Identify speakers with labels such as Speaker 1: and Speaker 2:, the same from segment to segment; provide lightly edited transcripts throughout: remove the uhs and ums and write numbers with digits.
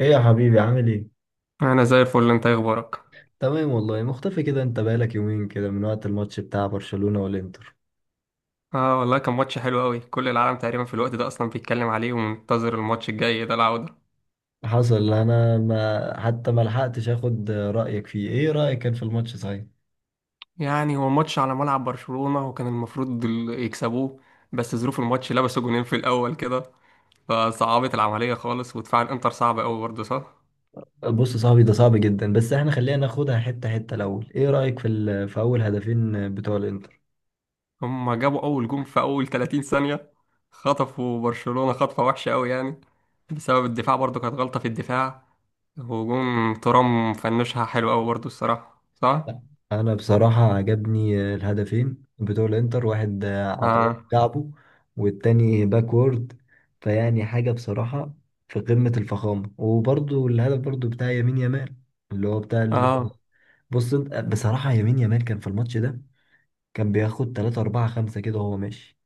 Speaker 1: ايه يا حبيبي عامل ايه؟
Speaker 2: انا زي الفل. انت إيه اخبارك؟
Speaker 1: تمام والله، مختفي كده. انت بقالك يومين كده من وقت الماتش بتاع برشلونة والانتر.
Speaker 2: اه، والله كان ماتش حلو قوي. كل العالم تقريبا في الوقت ده اصلا بيتكلم عليه ومنتظر الماتش الجاي ده العودة.
Speaker 1: حصل. انا ما حتى ما لحقتش اخد رأيك فيه. ايه رأيك كان في الماتش، صحيح؟
Speaker 2: يعني هو ماتش على ملعب برشلونة وكان المفروض يكسبوه. بس ظروف الماتش لبسوا جونين في الاول كده. فصعبت العملية خالص، ودفاع الانتر صعب قوي برضه، صح.
Speaker 1: بص يا صاحبي، ده صعب جدا، بس احنا خلينا ناخدها حتة حتة الاول. ايه رأيك في في اول هدفين بتوع الانتر؟
Speaker 2: هما جابوا اول جون في اول 30 ثانية. خطفوا برشلونة خطفة وحشة قوي، يعني بسبب الدفاع، برضه كانت غلطة في الدفاع. وجون ترام فنشها حلو قوي برضه الصراحة، صح.
Speaker 1: انا بصراحة عجبني الهدفين بتوع الانتر، واحد عطاه
Speaker 2: اه،
Speaker 1: كعبه والتاني باكورد. فيعني حاجة بصراحة في قمة الفخامة. وبرضو الهدف، برضو بتاع يمين يمال، اللي هو بتاع
Speaker 2: اه،
Speaker 1: بص. انت بصراحة، يمين يمال كان في الماتش ده، كان بياخد 3 4 5 كده وهو ماشي.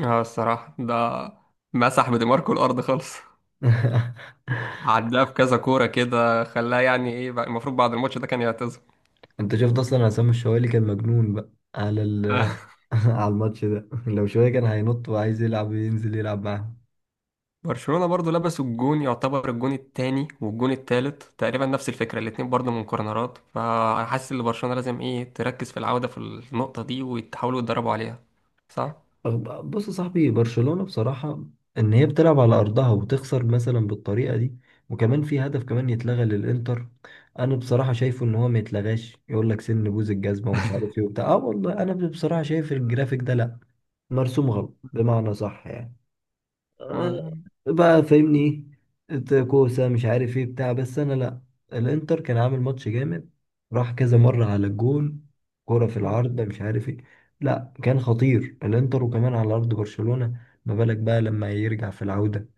Speaker 2: اه، الصراحة ده، مسح بدماركو الأرض خالص. عداه في كذا كورة كده، خلاه يعني ايه المفروض بعد الماتش ده كان يعتزل.
Speaker 1: انت شفت اصلا عصام الشوالي كان مجنون بقى على ال... على الماتش ده. لو شوية كان هينط وعايز يلعب، ينزل يلعب معاهم.
Speaker 2: برشلونة برضو لبسوا الجون. يعتبر الجون التاني والجون التالت تقريبا نفس الفكرة، الاتنين برضو من كورنرات. فحاسس ان برشلونة لازم ايه تركز في العودة في النقطة دي ويحاولوا يتدربوا عليها. صح؟
Speaker 1: بص يا صاحبي، برشلونة بصراحة، ان هي بتلعب على ارضها وتخسر مثلا بالطريقة دي، وكمان في هدف كمان يتلغى للانتر، انا بصراحة شايفه ان هو ما يتلغاش. يقول لك سن بوز الجزمة ومش عارف ايه وبتاع. اه والله انا بصراحة شايف الجرافيك ده لا، مرسوم غلط، بمعنى صح يعني. آه،
Speaker 2: م-
Speaker 1: بقى فاهمني ايه. إنت كوسه مش عارف ايه بتاع بس انا لا. الانتر كان عامل ماتش جامد، راح كذا مره على الجون، كرة في
Speaker 2: م-
Speaker 1: العارضه مش عارف ايه. لا، كان خطير الانتر، وكمان على ارض برشلونه. ما بالك بقى لما يرجع في العوده،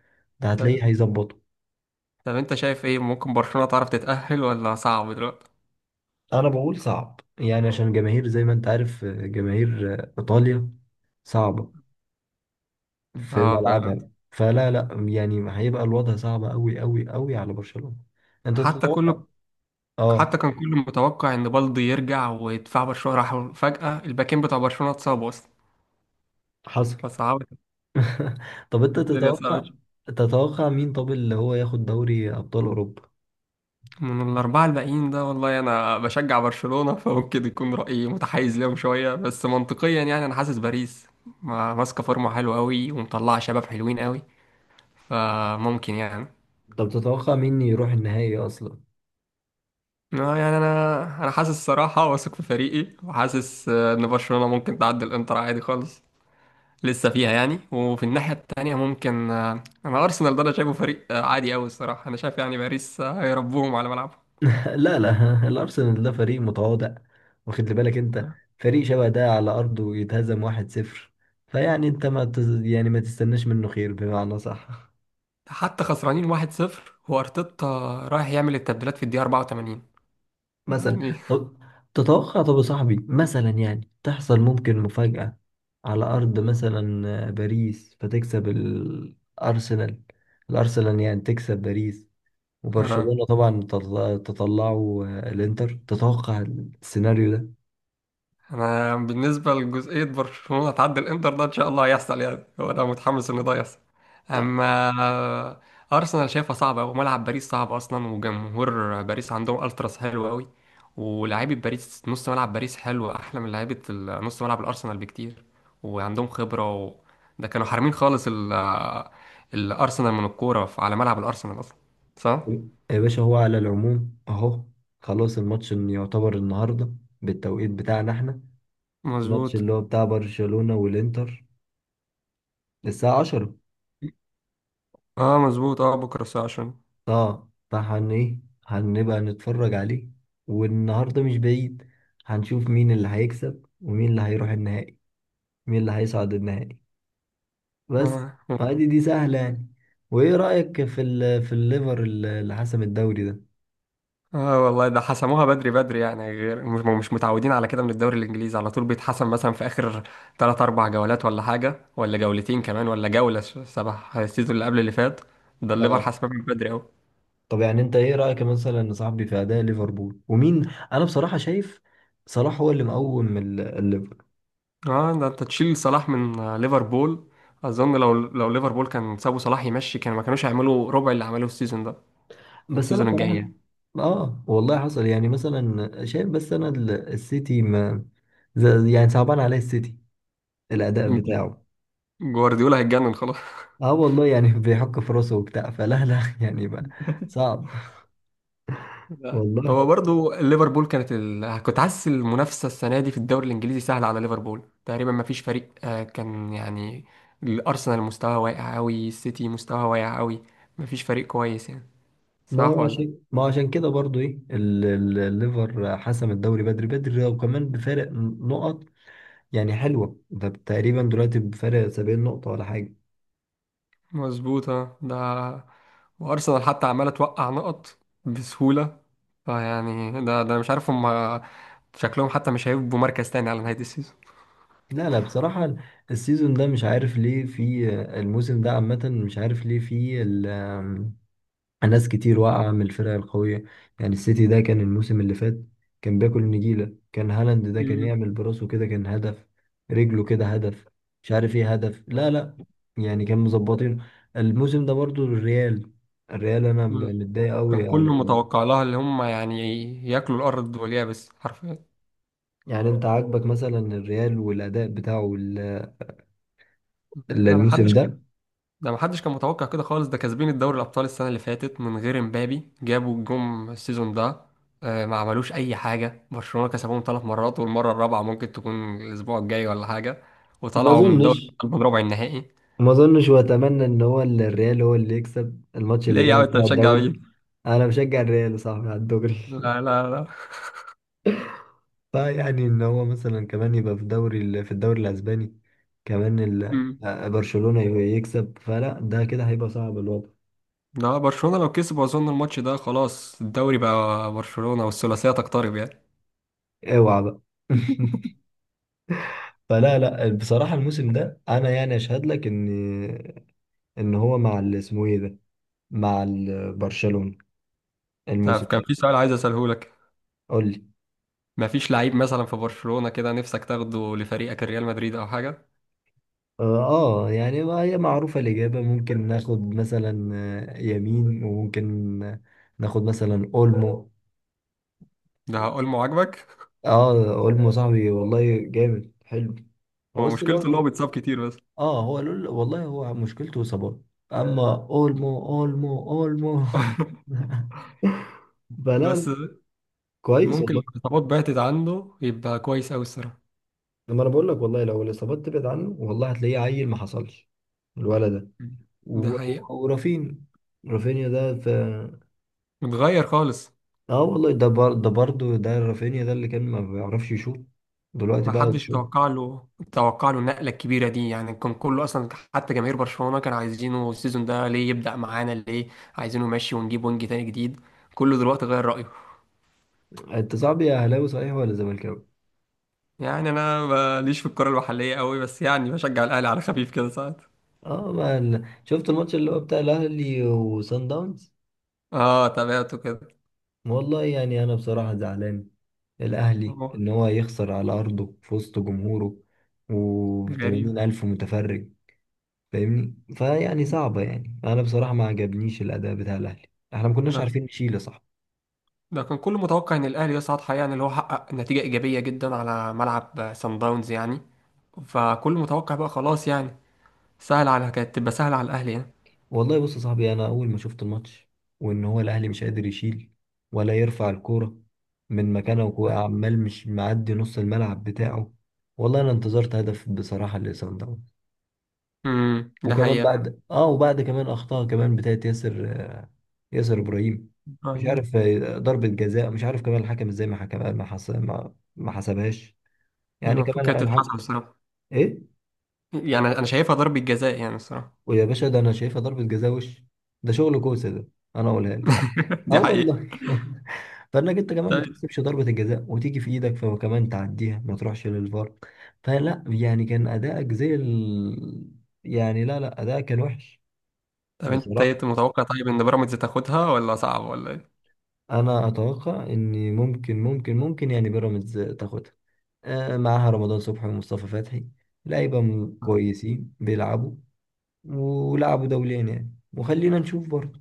Speaker 1: ده هتلاقيه
Speaker 2: ط-
Speaker 1: هيظبطه.
Speaker 2: طب انت شايف ايه، ممكن برشلونة تعرف تتأهل ولا صعب دلوقتي؟
Speaker 1: انا بقول صعب يعني، عشان جماهير زي ما انت عارف، جماهير ايطاليا صعبه في
Speaker 2: اه، فعلا.
Speaker 1: ملعبها. فلا لا يعني، هيبقى الوضع صعب قوي قوي قوي على برشلونه. انت
Speaker 2: حتى
Speaker 1: تتوقع.
Speaker 2: كل
Speaker 1: اه.
Speaker 2: حتى كان كل متوقع ان بالدي يرجع ويدفع برشلونه، راح فجاه الباكين بتاع برشلونه اتصابوا اصلا.
Speaker 1: حصل.
Speaker 2: فصعبت.
Speaker 1: طب انت
Speaker 2: الدنيا
Speaker 1: تتوقع،
Speaker 2: صعبت.
Speaker 1: تتوقع مين طب اللي هو ياخد دوري ابطال اوروبا؟
Speaker 2: من الاربعه الباقيين ده، والله انا بشجع برشلونه فممكن يكون رايي متحيز ليهم شويه، بس منطقيا يعني انا حاسس باريس ماسكه فورمه حلوه قوي، ومطلعه شباب حلوين قوي. فممكن يعني.
Speaker 1: طب تتوقع مين يروح النهائي اصلا؟
Speaker 2: يعني انا حاسس الصراحه، واثق في فريقي، وحاسس ان برشلونه ممكن تعدي الانتر عادي خالص. لسه فيها يعني. وفي الناحية التانية ممكن، أنا أرسنال ده أنا شايفه فريق عادي أوي الصراحة. أنا شايف يعني باريس هيربوهم على ملعبهم.
Speaker 1: لا لا، الارسنال ده فريق متواضع، واخد لي بالك انت. فريق شبه ده على ارضه يتهزم 1-0. فيعني انت ما تز... يعني ما تستناش منه خير، بمعنى صح.
Speaker 2: حتى خسرانين 1-0، وأرتيتا رايح يعمل التبديلات في الدقيقة 84
Speaker 1: مثلا.
Speaker 2: يعني.
Speaker 1: طب تتوقع، طب يا صاحبي مثلا يعني تحصل ممكن مفاجأة على أرض مثلا باريس، فتكسب الأرسنال، الأرسنال يعني تكسب باريس، وبرشلونة طبعا تطلعوا. الإنتر تتوقع السيناريو ده؟
Speaker 2: انا بالنسبه لجزئيه برشلونه تعدي الانتر ده، ان شاء الله هيحصل. يعني هو انا متحمس ان ده يحصل.
Speaker 1: لا،
Speaker 2: اما ارسنال شايفها صعبه، وملعب باريس صعب اصلا، وجمهور باريس عندهم التراس حلو قوي. ولاعيبه باريس، نص ملعب باريس حلو، احلى من لعيبه نص ملعب الارسنال بكتير. وعندهم خبره ده كانوا حارمين خالص الارسنال من الكوره على ملعب الارسنال اصلا، صح.
Speaker 1: يا باشا هو على العموم أهو، خلاص الماتش إن يعتبر النهاردة بالتوقيت بتاعنا احنا. الماتش
Speaker 2: مظبوط.
Speaker 1: اللي هو بتاع برشلونة والإنتر الساعة 10.
Speaker 2: اه، مظبوط. اه، بكره الساعه 10.
Speaker 1: اه فهن ايه، هنبقى نتفرج عليه. والنهارده مش بعيد، هنشوف مين اللي هيكسب ومين اللي هيروح النهائي، مين اللي هيصعد النهائي بس.
Speaker 2: اه.
Speaker 1: عادي دي سهلة يعني. وايه رأيك في في الليفر اللي حسم الدوري ده؟
Speaker 2: اه، والله ده حسموها بدري بدري. يعني غير مش متعودين على كده، من الدوري الانجليزي على طول بيتحسم مثلا في اخر تلات اربع جولات ولا حاجه، ولا جولتين كمان، ولا جوله. سبع السيزون اللي قبل اللي فات، ده الليفر
Speaker 1: اه.
Speaker 2: حسمها من بدري قوي.
Speaker 1: طب يعني انت ايه رأيك مثلا يا صاحبي في اداء ليفربول ومين؟ انا بصراحة شايف صلاح هو اللي مقوم الليفر.
Speaker 2: اه، ده انت تشيل صلاح من ليفربول، اظن لو ليفربول كان سابوا صلاح يمشي، كانوا ما كانوش هيعملوا ربع اللي عملوه السيزون ده.
Speaker 1: بس انا
Speaker 2: السيزون الجاي
Speaker 1: بصراحة،
Speaker 2: يعني.
Speaker 1: اه والله حصل يعني مثلا شايف. بس انا السيتي، ما زي- يعني صعبان عليه السيتي الأداء بتاعه.
Speaker 2: جوارديولا هيتجنن خلاص.
Speaker 1: اه والله يعني، بيحك في راسه وبتاع، فلا لا يعني بقى صعب
Speaker 2: لا. هو
Speaker 1: والله.
Speaker 2: برضو ليفربول كانت كنت حاسس المنافسة السنة دي في الدوري الإنجليزي سهلة على ليفربول تقريبا. ما فيش فريق كان يعني. الأرسنال مستواه واقع أوي، السيتي مستواه واقع أوي. ما فيش فريق كويس يعني،
Speaker 1: ما
Speaker 2: صح
Speaker 1: هو
Speaker 2: ولا؟
Speaker 1: عشان ما هو عشان كده برضو ايه الليفر حسم الدوري بدري بدري، وكمان بفارق نقط. يعني حلوة ده. تقريبا دلوقتي بفارق 70 نقطة ولا حاجة.
Speaker 2: مظبوطة ده. وأرسنال حتى عمالة توقع نقط بسهولة. فيعني ده أنا مش عارف هم، شكلهم حتى مش هيبقوا مركز تاني على نهاية السيزون.
Speaker 1: لا لا بصراحة، السيزون ده مش عارف ليه في، الموسم ده عامة مش عارف ليه في ناس كتير واقعة من الفرق القوية. يعني السيتي ده كان الموسم اللي فات كان بياكل نجيلة، كان هالاند ده كان يعمل براسه كده كان هدف، رجله كده هدف، مش عارف ايه هدف. لا لا يعني، كان مظبطين. الموسم ده برضو الريال، الريال انا
Speaker 2: مم.
Speaker 1: متضايق
Speaker 2: كان
Speaker 1: قوي على
Speaker 2: كله متوقع لها اللي هم يعني ياكلوا الأرض واليابس حرفيا.
Speaker 1: يعني انت عاجبك مثلا الريال والاداء بتاعه
Speaker 2: ده ما
Speaker 1: الموسم
Speaker 2: حدش
Speaker 1: ده؟
Speaker 2: ده ما حدش كان متوقع كده خالص. ده كاسبين الدوري الابطال السنه اللي فاتت من غير امبابي، جابوا جم السيزون ده. ما عملوش اي حاجه. برشلونه كسبهم 3 مرات، والمره الرابعه ممكن تكون الاسبوع الجاي ولا حاجه،
Speaker 1: ما
Speaker 2: وطلعوا من دوري
Speaker 1: اظنش،
Speaker 2: الابطال من ربع النهائي.
Speaker 1: ما اظنش. واتمنى ان هو الريال هو اللي يكسب الماتش
Speaker 2: ليه
Speaker 1: اللي
Speaker 2: يا عم،
Speaker 1: جاي
Speaker 2: انت
Speaker 1: بتاع
Speaker 2: بتشجع
Speaker 1: الدوري.
Speaker 2: مين؟
Speaker 1: انا بشجع الريال يا صاحبي على الدوري.
Speaker 2: لا، لا، لا.
Speaker 1: فيعني ان هو مثلا كمان يبقى في دوري في الدوري الاسباني كمان
Speaker 2: مم.
Speaker 1: برشلونة يكسب، فلا ده كده هيبقى صعب الوضع.
Speaker 2: ده برشلونه لو كسب اظن الماتش ده، خلاص الدوري بقى برشلونه والثلاثيه تقترب يعني.
Speaker 1: اوعى بقى. فلا لا بصراحة، الموسم ده انا يعني اشهد لك ان، ان هو مع اسمه ايه ده، مع برشلونة
Speaker 2: طب
Speaker 1: الموسم
Speaker 2: كان
Speaker 1: ده.
Speaker 2: في سؤال عايز اساله لك.
Speaker 1: قول لي.
Speaker 2: ما فيش لعيب مثلا في برشلونه كده نفسك تاخده لفريقك الريال مدريد او حاجه؟
Speaker 1: اه. يعني ما هي معروفة الإجابة. ممكن ناخد مثلا يمين، وممكن ناخد مثلا أولمو.
Speaker 2: ده هقول ما عاجبك.
Speaker 1: اه، اولمو صاحبي والله جامد حلو. هو
Speaker 2: هو
Speaker 1: بس
Speaker 2: مشكلته اللي هو
Speaker 1: لو.
Speaker 2: بيتصاب كتير بس.
Speaker 1: اه، هو لول والله، هو مشكلته اصابات. اما اولمو اولمو اولمو. فلا لا،
Speaker 2: بس
Speaker 1: كويس
Speaker 2: ممكن
Speaker 1: والله.
Speaker 2: الخطابات بعتت عنده، يبقى كويس أوي الصراحة.
Speaker 1: لما انا بقول لك، والله لو الاصابات تبعد عنه، والله هتلاقيه عيل ما حصلش الولد ده.
Speaker 2: ده
Speaker 1: و- و-
Speaker 2: حقيقة.
Speaker 1: ورافين رافينيا ده في،
Speaker 2: اتغير خالص.
Speaker 1: اه والله ده برضه ده رافينيا ده اللي كان ما بيعرفش يشوط، دلوقتي
Speaker 2: ما
Speaker 1: بقى
Speaker 2: حدش
Speaker 1: يشوط.
Speaker 2: توقع له النقلة الكبيرة دي يعني، كان كله أصلا حتى جماهير برشلونة كانوا عايزينه السيزون ده. ليه يبدأ معانا؟ ليه؟ عايزينه ماشي ونجيب وينج تاني جديد. كله دلوقتي غير رأيه.
Speaker 1: انت صاحبي يا اهلاوي صحيح ولا زملكاوي؟
Speaker 2: يعني أنا ماليش في الكرة المحلية قوي، بس يعني بشجع الأهلي على خفيف كده ساعات.
Speaker 1: اه، ما شفت الماتش اللي هو بتاع الاهلي وصن داونز.
Speaker 2: اه، تابعته كده.
Speaker 1: والله يعني انا بصراحه زعلان الاهلي
Speaker 2: أهو،
Speaker 1: ان هو يخسر على ارضه في وسط جمهوره
Speaker 2: غريب.
Speaker 1: و80,000 متفرج. فاهمني؟ فيعني صعبه. يعني انا بصراحه ما عجبنيش الاداء بتاع الاهلي. احنا ما كناش
Speaker 2: ده
Speaker 1: عارفين نشيل يا صاحبي.
Speaker 2: ده كان كل متوقع ان الاهلي يصعد حقيقة، يعني اللي هو حقق نتيجة ايجابية جدا على ملعب سان داونز يعني. فكل متوقع بقى خلاص يعني. سهل على كانت تبقى سهلة على الاهلي يعني.
Speaker 1: والله بص يا صاحبي، انا اول ما شفت الماتش وان هو الاهلي مش قادر يشيل ولا يرفع الكوره من مكانه، وعمال مش معدي نص الملعب بتاعه. والله انا انتظرت هدف بصراحه لصن داونز.
Speaker 2: ده
Speaker 1: وكمان
Speaker 2: حقيقة.
Speaker 1: بعد وبعد كمان اخطاء كمان بتاعت ياسر، ياسر ابراهيم. مش
Speaker 2: ايوه،
Speaker 1: عارف ضربة جزاء، مش عارف كمان الحكم ازاي ما حكم ما حس... ما... ما حسبهاش.
Speaker 2: يعني
Speaker 1: يعني
Speaker 2: المفروض كانت
Speaker 1: كمان الحكم
Speaker 2: تتحسب الصراحة.
Speaker 1: ايه.
Speaker 2: يعني انا شايفها ضربة جزاء يعني الصراحة.
Speaker 1: ويا باشا ده انا شايفها ضربة جزاء وش، ده شغل كوسة ده، انا اقولها لك. اه
Speaker 2: دي حقيقة.
Speaker 1: والله. فانك انت كمان ما
Speaker 2: طيب.
Speaker 1: تكسبش ضربة الجزاء وتيجي في ايدك، فكمان تعديها ما تروحش للفار. فلا يعني كان ادائك زي يعني لا لا، ادائك كان وحش.
Speaker 2: طب انت ايه
Speaker 1: بصراحة،
Speaker 2: متوقع طيب ان بيراميدز تاخدها ولا صعب ولا ايه؟
Speaker 1: انا اتوقع ان ممكن يعني بيراميدز تاخدها، معاها رمضان صبحي ومصطفى فتحي. لعيبه كويسين بيلعبوا، ولعبوا دوليا يعني. وخلينا نشوف برضه.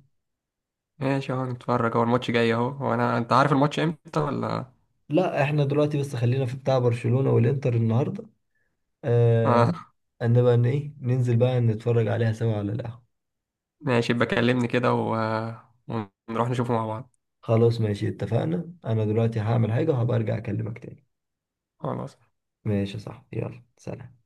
Speaker 2: ماشي، اهو نتفرج. هو الماتش جاي اهو. هو انا انت عارف الماتش امتى ولا؟
Speaker 1: لا، احنا دلوقتي بس خلينا في بتاع برشلونة والانتر النهارده. آه.
Speaker 2: اه.
Speaker 1: نبقى ان ايه ننزل بقى نتفرج عليها سوا على القهوة.
Speaker 2: ماشي، يبقى كلمني كده ونروح نشوفه مع بعض.
Speaker 1: خلاص ماشي، اتفقنا. انا دلوقتي هعمل حاجة وهبقى ارجع اكلمك تاني.
Speaker 2: خلاص.
Speaker 1: ماشي يا صاحبي، يلا سلام.